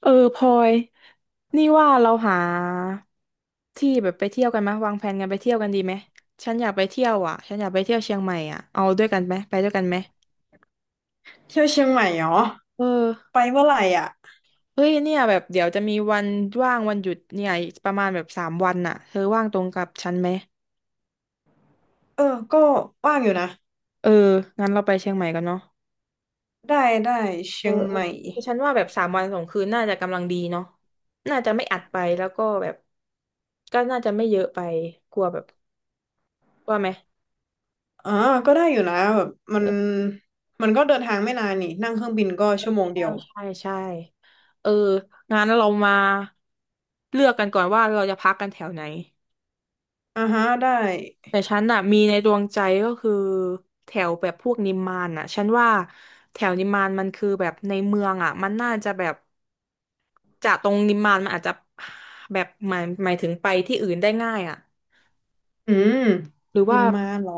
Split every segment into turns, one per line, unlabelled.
เออพลอยนี่ว่าเราหาที่แบบไปเที่ยวกันไหมยวางแผนกันไปเที่ยวกันดีไหมฉันอยากไปเที่ยวอ่ะฉันอยากไปเที่ยวเชียงใหม่อ่ะเอาด้วยกันไหมไปด้วยกันไหม
เที่ยวเชียงใหม่เหรอ
เอ
ไป
อ
เมื่อไหร่อ่ะ
เฮ้ยเนี่ยแบบเดี๋ยวจะมีวันว่างวันหยุดเนี่ยอีกประมาณแบบสามวันน่ะเธอว่างตรงกับฉันไหม
เออก็ว่างอยู่นะ
เอองั้นเราไปเชียงใหม่กันเนาะ
ได้ได้
เอ
เชี
อ
ยง
เอ
ให
อ
ม่
คือฉันว่าแบบสามวันสองคืนน่าจะกำลังดีเนาะน่าจะไม่อัดไปแล้วก็แบบก็น่าจะไม่เยอะไปกลัวแบบว่าไหม
อ่าก็ได้อยู่นะแบบมันมันก็เดินทางไม่นานนี่นั่งเครื่องบินก็ชั่วโมง
ใช่
เดียว
ใช่ใช่เอองั้นเรามาเลือกกันก่อนว่าเราจะพักกันแถวไหน
อ่าฮะได้
แต่ฉันน่ะมีในดวงใจก็คือแถวแบบพวกนิมมานน่ะฉันว่าแถวนิมมานมันคือแบบในเมืองอ่ะมันน่าจะแบบจากตรงนิมมานมันอาจจะแบบหมายถึงไปที่อื่นได้ง่ายอ่ะ
อืม
หรือ
นิ
ว่า
มมานเหรอ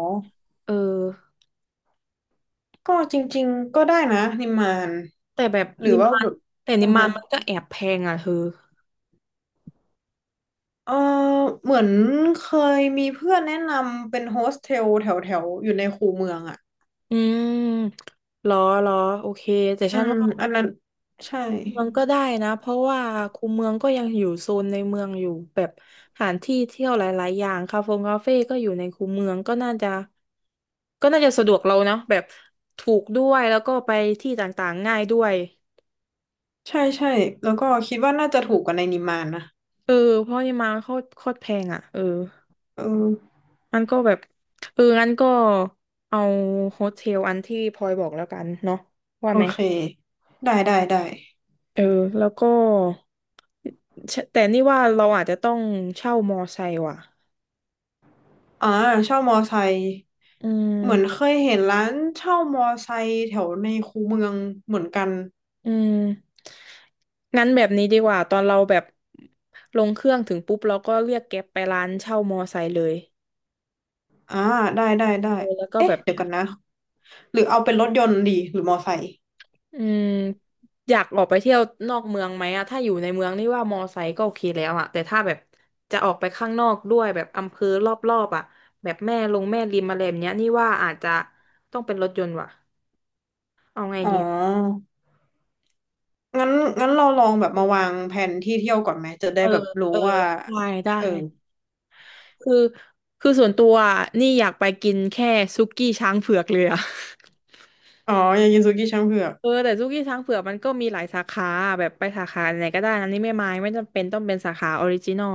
เออ
ก็จริงๆก็ได้นะนิมมาน
แต่แบบ
หรือ
นิม
ว่า
มา
แบ
น
บ
แต่นิ
อ่า
มมา
ฮะ
นมันก็แอบแพงอ่ะเธอ
เออเหมือนเคยมีเพื่อนแนะนำเป็นโฮสเทลแถวแถวอยู่ในคูเมืองอ่ะ
อืมเหรอเหรอโอเคแต่
อื
ฉัน
ม
ว่า
อันนั้นใช่
เมืองก็ได้นะเพราะว่าคูเมืองก็ยังอยู่โซนในเมืองอยู่แบบสถานที่เที่ยวหลายๆอย่างคาเฟ่คาเฟ่ก็อยู่ในคูเมืองก็น่าจะก็น่าจะสะดวกเรานะแบบถูกด้วยแล้วก็ไปที่ต่างๆง่ายด้วย
ใช่ใช่แล้วก็คิดว่าน่าจะถูกกว่าในนิมมานนะ
เออเพราะนี่มาโคตรโคตรแพงอ่ะเออ
เออ
มันก็แบบเอองั้นก็เอาโฮเทลอันที่พลอยบอกแล้วกันเนาะว่า
โอ
ไหม
เคได้ได้ได้
เออแล้วก็แต่นี่ว่าเราอาจจะต้องเช่ามอไซค์ว่ะ
อ่าเช่ามอไซค์
อื
เหมือน
ม
เคยเห็นร้านเช่ามอไซค์แถวในคูเมืองเหมือนกัน
อืมงั้นแบบนี้ดีกว่าตอนเราแบบลงเครื่องถึงปุ๊บเราก็เรียกแก๊ปไปร้านเช่ามอไซค์เลย
อ่าได้ได้ได้
เออแล้วก็แบ
เอ๊ะ
บ
เดี๋ยวกันนะหรือเอาเป็นรถยนต์ดีหรือมอไซค์
อืมอยากออกไปเที่ยวนอกเมืองไหมอะถ้าอยู่ในเมืองนี่ว่ามอไซค์ก็โอเคแล้วอะแต่ถ้าแบบจะออกไปข้างนอกด้วยแบบอำเภอรอบๆอะแบบแม่ลงแม่ริมอะไรแบบเนี้ยนี่ว่าอาจจะต้องเป็นรถยนต์ว่ะเอาไง
อ๋
ดีอะ
องั้นงั้นเราลองแบบมาวางแผนที่เที่ยวก่อนไหมจะได้
เออ
แบบรู้
เออ
ว่า
ได้ได้
เออ
คือคือส่วนตัวอะนี่อยากไปกินแค่ซุกี้ช้างเผือกเลยอะ
อ๋อยากินซูกิช้างเผือก
เออแต่ซุกี้ช้างเผือกมันก็มีหลายสาขาแบบไปสาขาไหนก็ได้อันนี้ไม่มายไม่จำเป็นต้องเป็นสาขาออริจินอล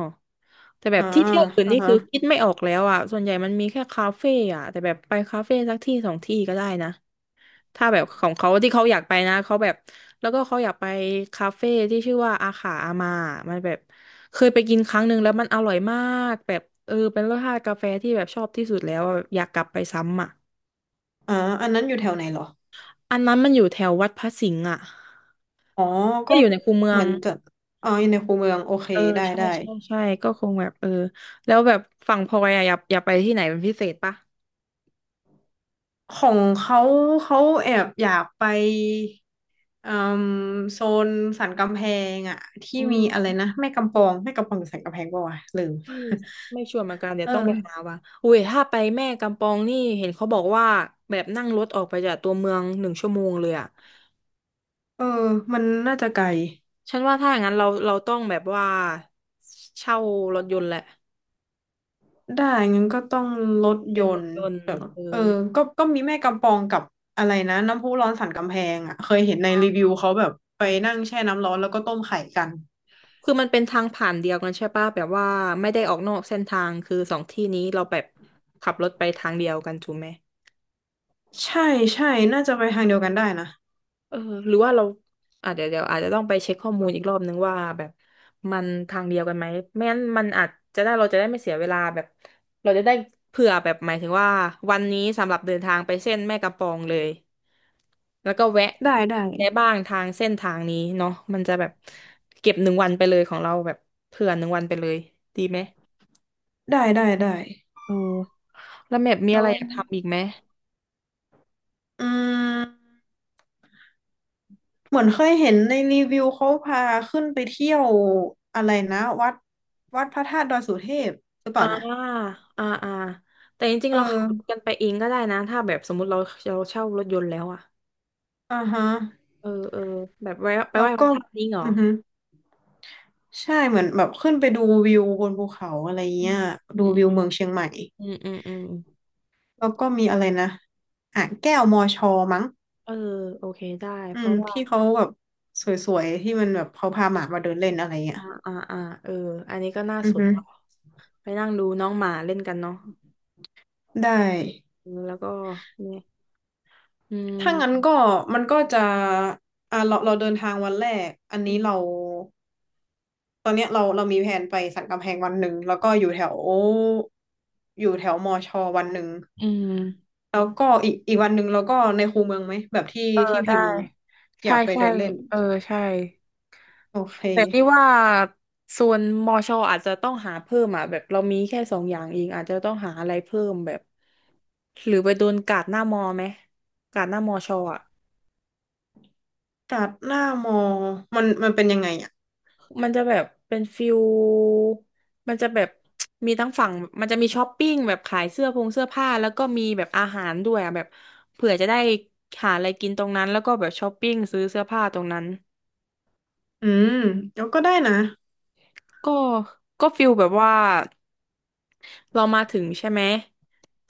แต่แบ
อ่า
บที่เที่ยวอื่น
อ่า
นี่
ฮะ
คือคิดไม่ออกแล้วอ่ะส่วนใหญ่มันมีแค่คาเฟ่อ่ะแต่แบบไปคาเฟ่สักที่สองที่ก็ได้นะถ้าแบบของเขาที่เขาอยากไปนะเขาแบบแล้วก็เขาอยากไปคาเฟ่ที่ชื่อว่าอาขาอามามันแบบเคยไปกินครั้งหนึ่งแล้วมันอร่อยมากแบบเออเป็นรสชาติกาแฟที่แบบชอบที่สุดแล้วอะแบบอยากกลับไปซ้ำอ่ะ
อ่าอันนั้นอยู่แถวไหนเหรอ
อันนั้นมันอยู่แถววัดพระสิงห์อ่ะ
อ๋อ
ก็
ก็
อยู่ในคูเมือ
เหมื
ง
อนจะอ๋ออยู่ในคูเมืองโอเค
เออ
ได้
ใช่
ได้
ใช่ใช่ก็คงแบบเออแล้วแบบฝั่งพลอยอะอยากไปที่ไหนเป็นพิเศษปะ
ของเขาเขาแอบอยากไปเอ่มโซนสันกำแพงอะที่
อื
มีอะไร
ม
นะแม่กำปองแม่กำปองหรือสันกำแพงป่าวะลืม
ไม่ไม่ชัวร์เหมือนกัน เดี๋ยว
เอ
ต้องไป
อ
หาว่ะอุ้ยถ้าไปแม่กำปองนี่เห็นเขาบอกว่าแบบนั่งรถออกไปจากตัวเมืองหนึ่งชั่วโมงเลยอะ
เออมันน่าจะไกล
ฉันว่าถ้าอย่างนั้นเราต้องแบบว่าเช่ารถยนต์แหละ
ได้งั้นก็ต้องรถ
เป็
ย
นร
น
ถ
ต์
ยนต์
แบบ
เอ
เอ
อ
อก็มีแม่กำปองกับอะไรนะน้ำพุร้อนสันกำแพงอะเคยเห็นในรีวิวเขาแบบไปนั่งแช่น้ำร้อนแล้วก็ต้มไข่กัน
คือมันเป็นทางผ่านเดียวกันใช่ปะแบบว่าไม่ได้ออกนอกเส้นทางคือสองที่นี้เราแบบขับรถไปทางเดียวกันถูกไหม
ใช่ใช่น่าจะไปทางเดียวกันได้นะ
เออหรือว่าเราอาจจะเดี๋ยวอาจจะต้องไปเช็คข้อมูลอีกรอบนึงว่าแบบมันทางเดียวกันไหมไม่งั้นมันอาจจะได้เราจะได้ไม่เสียเวลาแบบเราจะได้เผื่อแบบหมายถึงว่าวันนี้สำหรับเดินทางไปเส้นแม่กำปองเลยแล้วก็แวะ
ได้ได้
ได้บ้างทางเส้นทางนี้เนาะมันจะแบบเก็บหนึ่งวันไปเลยของเราแบบเผื่อหนึ่งวันไปเลยดีไหม
ได้ได้ได้
เออแล้วแมพมี
แล้
อะไร
ว
อยากทำอีกไหม
อืมเหมือนเคยเห็นในรีวิวเขาพาขึ้นไปเที่ยวอะไรนะวัดพระธาตุดอยสุเทพหรือเป
อ่า
ล่านะ
อ่าอ่าแต่จริงๆ
เออ
เราขับรถกันไปเองก็ได้นะถ้าแบบสมมติเราเช่ารถยนต์แล้วอะ
อ่าฮะ
เออ เออแบบไปไห
แล้
ว้
ว
พ
ก็
ระธาตุนี้เหรอ
อือฮึใช่เหมือนแบบขึ้นไปดูวิวบนภูเขาอะไร
อื
เงี้ยดูวิว
ม
เมืองเชียงใหม่
อืมอืมอืม
แล้วก็มีอะไรนะอ่างแก้วมอชอมั้ง
เออโอเคได้
อื
เพ
ม
ราะว่า
ที่เขาแบบสวยๆที่มันแบบเขาพาหมามาเดินเล่นอะไรเงี้ย
อ่าอ่าอ่าเอออันนี้ก็น่า
อื
ส
อ
น
ฮึ
ไปนั่งดูน้องหมาเล่นกันเนาะ
ได้
เออแล้วก็เนี่ยอื
ถ้างั้นก็
ม
มันก็จะอ่าเราเดินทางวันแรกอันนี้เราตอนเนี้ยเรามีแผนไปสันกำแพงวันหนึ่งแล้วก็อยู่แถวอยู่แถวมอชอวันหนึ่ง
อืม
แล้วก็อีกวันหนึ่งเราก็ในคูเมืองไหมแบบที่
เออ
ที่พิ
ได้
มพ์อ
ใช่
ยากไป
ใช่
เดินเล่น
เออใช่
โอเค
แต่นี่ว่าส่วนมอชออาจจะต้องหาเพิ่มอ่ะแบบเรามีแค่สองอย่างเองอาจจะต้องหาอะไรเพิ่มแบบหรือไปโดนกาดหน้ามอไหมกาดหน้ามอชออ่ะ
ตัดหน้ามอมันมันเป็นยังไงอ่ะ
มันจะแบบเป็นฟิลมันจะแบบมีทั้งฝั่งมันจะมีช้อปปิ้งแบบขายเสื้อผงเสื้อผ้าแล้วก็มีแบบอาหารด้วยอะแบบเผื่อจะได้หาอะไรกินตรงนั้นแล้วก็แบบช้อปปิ้งซื้อเสื้อผ้าตรงนั้น
อืมก็ได้นะ
ก็ก็ฟิลแบบว่าเรามาถึงใช่ไหม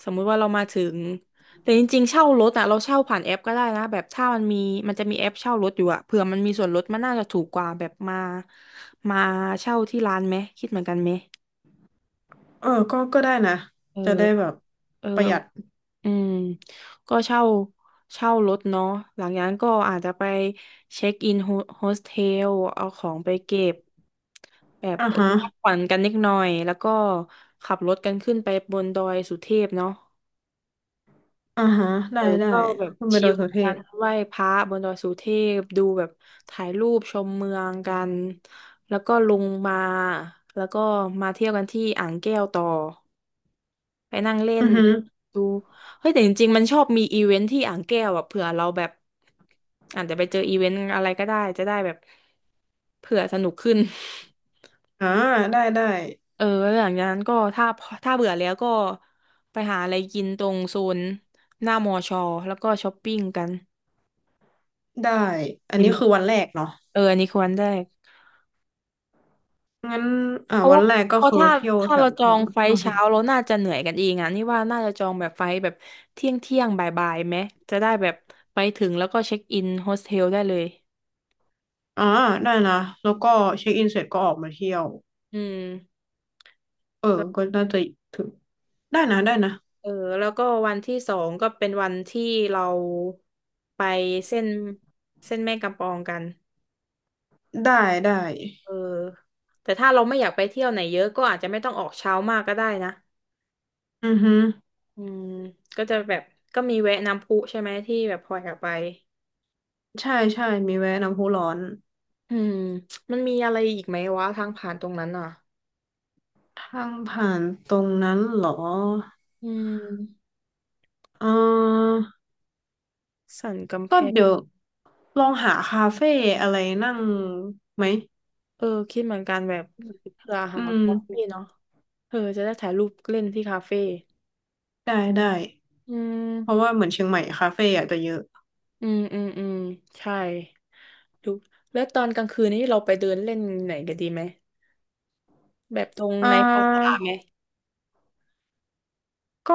สมมุติว่าเรามาถึงแต่จริงๆเช่ารถอ่ะเราเช่าผ่านแอปก็ได้นะแบบถ้ามันมีมันจะมีแอปเช่ารถอยู่อะเผื่อมันมีส่วนลดมันน่าจะถูกกว่าแบบมาเช่าที่ร้านไหมคิดเหมือนกันไหม
เออก็ได้นะ
เออ
จะได้แบบ
เออ
ประหยัด
อืมก็เช่าเช่ารถเนาะหลังจากนั้นก็อาจจะไปเช็คอินโฮสเทลเอาของไปเก็บแบบ
อ่า
เออ
ฮะ
พักผ่อนกันนิดหน่อยแล้วก็ขับรถกันขึ้นไปบนดอยสุเทพเนาะ
อ่าฮะ
เอ
ได้
อ
ได้
ก็แบบ
คุณไป
ชิ
ดอย
ล
สุเท
กั
พ
นไหว้พระบนดอยสุเทพดูแบบถ่ายรูปชมเมืองกันแล้วก็ลงมาแล้วก็มาเที่ยวกันที่อ่างแก้วต่อ ไปนั่งเล่
อื
น
อฮึ
ดู เฮ้ยแต่จริงๆมันชอบมีอีเวนท์ที่อ่างแก้วอะเผื่อเราแบบอาจจะไปเจออีเวนต์อะไรก็ได้จะได้แบบเผื่อสนุกขึ้น
อ่าได้ได้
เออแล้วหลังจากนั้นก็ถ้าเบื่อแล้วก็ไปหาอะไรกินตรงโซนหน้ามอชอแล้วก็ช้อปปิ้งกัน
ได้อัน
ดี
นี้
ไหม
คือวันแรกเนาะ
เอออันนี้ควรได้
งั้นอ่า
เพราะ
วั
ว่า
นแรกก็
เพราะ
คือ
ถ้า
เที่ยวแถ
เรา
ว
จอ
เนาะ
งไฟ
อ
ล์
อฮึ
เช้าเราน่าจะเหนื่อยกันเองอ่ะนี่ว่าน่าจะจองแบบไฟล์แบบเที่ยงเที่ยงบ่ายบ่ายๆไหมจะได้แบบไปถึงแล้วก็เช็คอินโฮสเทลได้เลย
อ่าได้นะแล้วก็เช็คอินเสร็จก็ออกมาเที่ยว
อืม
เออ
แล้ว
ก็น่าจะถึงได้นะได้นะ
เออแล้วก็วันที่สองก็เป็นวันที่เราไปเส้นเส้นแม่กำปองกัน
ได้ได้
เออแต่ถ้าเราไม่อยากไปเที่ยวไหนเยอะก็อาจจะไม่ต้องออกเช้ามากก็ได้นะ
อือฮึ
อืมก็จะแบบก็มีแวะน้ำพุใช่ไหมที่แบบพลอยอยากไป
ใช่ใช่มีแวะน้ำพุร้อน
อืมมันมีอะไรอีกไหมวะทางผ่านตรงนั้นอ่ะ
ทางผ่านตรงนั้นเหรอ
อืม
เออ
สันกำแพ
ก็
ง
เดี๋ยวลองหาคาเฟ่อะไรนั่งไหม
เออคิดเหมือนกันแบบเผื่อ
อื
หาคาเฟ่
ม
เนาะเออจะได้ถ่ายรูปเล่นที่คาเฟ่
ได้ได้
อื
เพราะ
ม
ว่าเหมือนเชียงใหม่คาเฟ่อาจจะเยอะ
อืมอืมอืมใช่ดูแล้วตอนกลางคืนนี้เราไปเดินเล่นไหนกันดีไหมแบบตรง
อ่
ในพลาซ่า
า
ไหม
ก็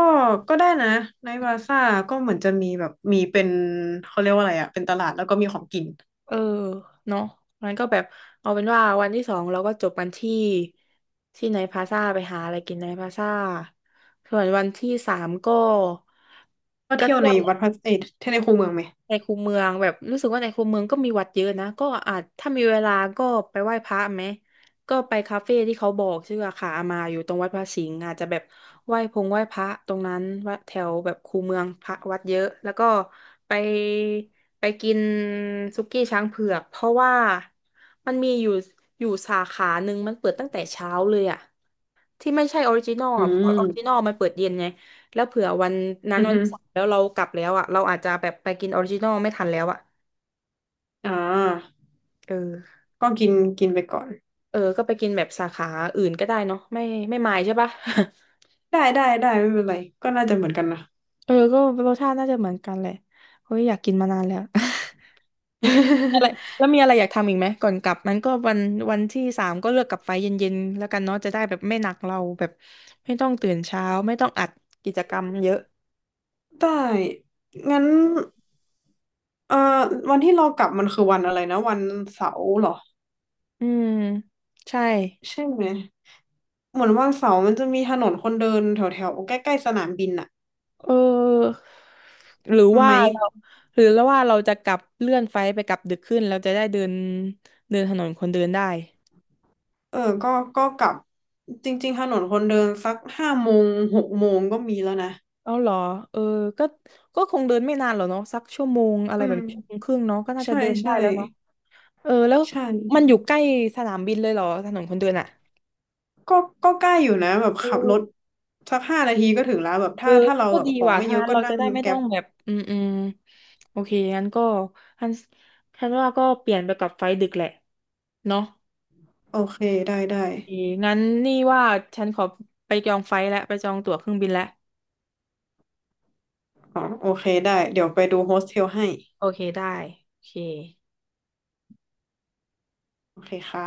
ก็ได้นะในบาซ่าก็เหมือนจะมีแบบมีเป็นเขาเรียกว่าอะไรอะเป็นตลาดแล้วก็มีของกิน
เออเนาะงั้นก็แบบเอาเป็นว่าวันที่สองเราก็จบกันที่ไนท์พลาซ่าไปหาอะไรกินไนท์พลาซ่าส่วนวันที่สามก็
ก็
ก็
เที่ยว
เที่
ใน
ยว
วัดพระเอยเที่ยวในคูเมืองไหม
ในคูเมืองแบบรู้สึกว่าในคูเมืองก็มีวัดเยอะนะก็อาจถ้ามีเวลาก็ไปไหว้พระไหมก็ไปคาเฟ่ที่เขาบอกชื่ออาคาอามาอยู่ตรงวัดพระสิงห์อาจจะแบบไหว้พงไหว้พระตรงนั้นวัดแถวแบบคูเมืองพระวัดเยอะแล้วก็ไปกินสุกี้ช้างเผือกเพราะว่ามันมีอยู่อยู่สาขาหนึ่งมันเปิดตั้งแต่เช้าเลยอ่ะ ที่ไม่ใช่ออริจินอล
อื
อ่ะเพราะออริจินอ
ม
ลมันเปิดเย็นไงแล้วเผื่อวันนั้น
อือ
วัน
ฮึ
ที่สามแล้วเรากลับแล้วอ่ะเราอาจจะแบบไปกินออริจินอลไม่ทันแล้วอ่ะ
อ่า
เออ
ก็กินกินไปก่อน
เออก็ไปกินแบบสาขาอื่นก็ได้เนาะไม่ไม่มายใช่ปะ
ได้ได้ได้ไม่เป็นไรก็น่าจะเหมือนกันนะ
เออก็รสชาติน่าจะเหมือนกันแหละเฮ้ยอยากกินมานานแล้ว อะไรแล้ วมีอะไรอยากทำอีกไหมก่อนกลับนั้นก็วันวันที่สามก็เลือกกลับไฟเย็นๆแล้วกันเนาะจะได้แบบไม่หนักเราแบบไม่ต้องตื่นเช้าไม่ต้องอัดกิจกรรมเยอะ
ได้งั้นเอ่อวันที่เรากลับมันคือวันอะไรนะวันเสาร์เหรอ
อืมใช่
ใช่ไหมเหมือนวันเสาร์มันจะมีถนนคนเดินแถวแถวใกล้ๆสนามบินอะ
เออหรือ
ไห
ว่า
ม
เราหรือแล้วว่าเราจะกลับเลื่อนไฟล์ไปกลับดึกขึ้นเราจะได้เดินเดินถนนคนเดินได้
เออก็ก็กลับจริงๆถนนคนเดินสัก5 โมง6 โมงก็มีแล้วนะ
เอาเหรอเออก็คงเดินไม่นานหรอกเนาะสักชั่วโมงอะไร
อื
แบบ
ม
นี้ชั่วโมงครึ่งเนาะก็น่าจะ
ใช่
เดินได้
ใช่
แล้วเนาะเออแล้ว
ใช่
มันอยู่ใกล้สนามบินเลยเหรอถนนคนเดินอ่ะ
ก็ก็ใกล้อยู่นะแบบขับร
โอ
ถสัก5 นาทีก็ถึงแล้วแบบ
เออ
ถ้า
งัน
เรา
ก็
แบบ
ดี
ของ
ว่ะ
ไม่
ถ้า
เยอะ
งั้น
ก็
เรา
นั่
จะ
ง
ได้ไม่ต้
แก๊
อ
ป
งแบบอืมอืมโอเคงั้นก็งั้นฉันว่าก็เปลี่ยนไปกับไฟล์ดึกแหละเนาะ
โอเคได้ได้
โอเคงั้นนี่ว่าฉันขอไปจองไฟล์แล้วไปจองตั๋วเครื่องบินแล้ว
อ๋อโอเคได้เดี๋ยวไปดูโฮสเทลให้
โอเคได้โอเค
โอเคค่ะ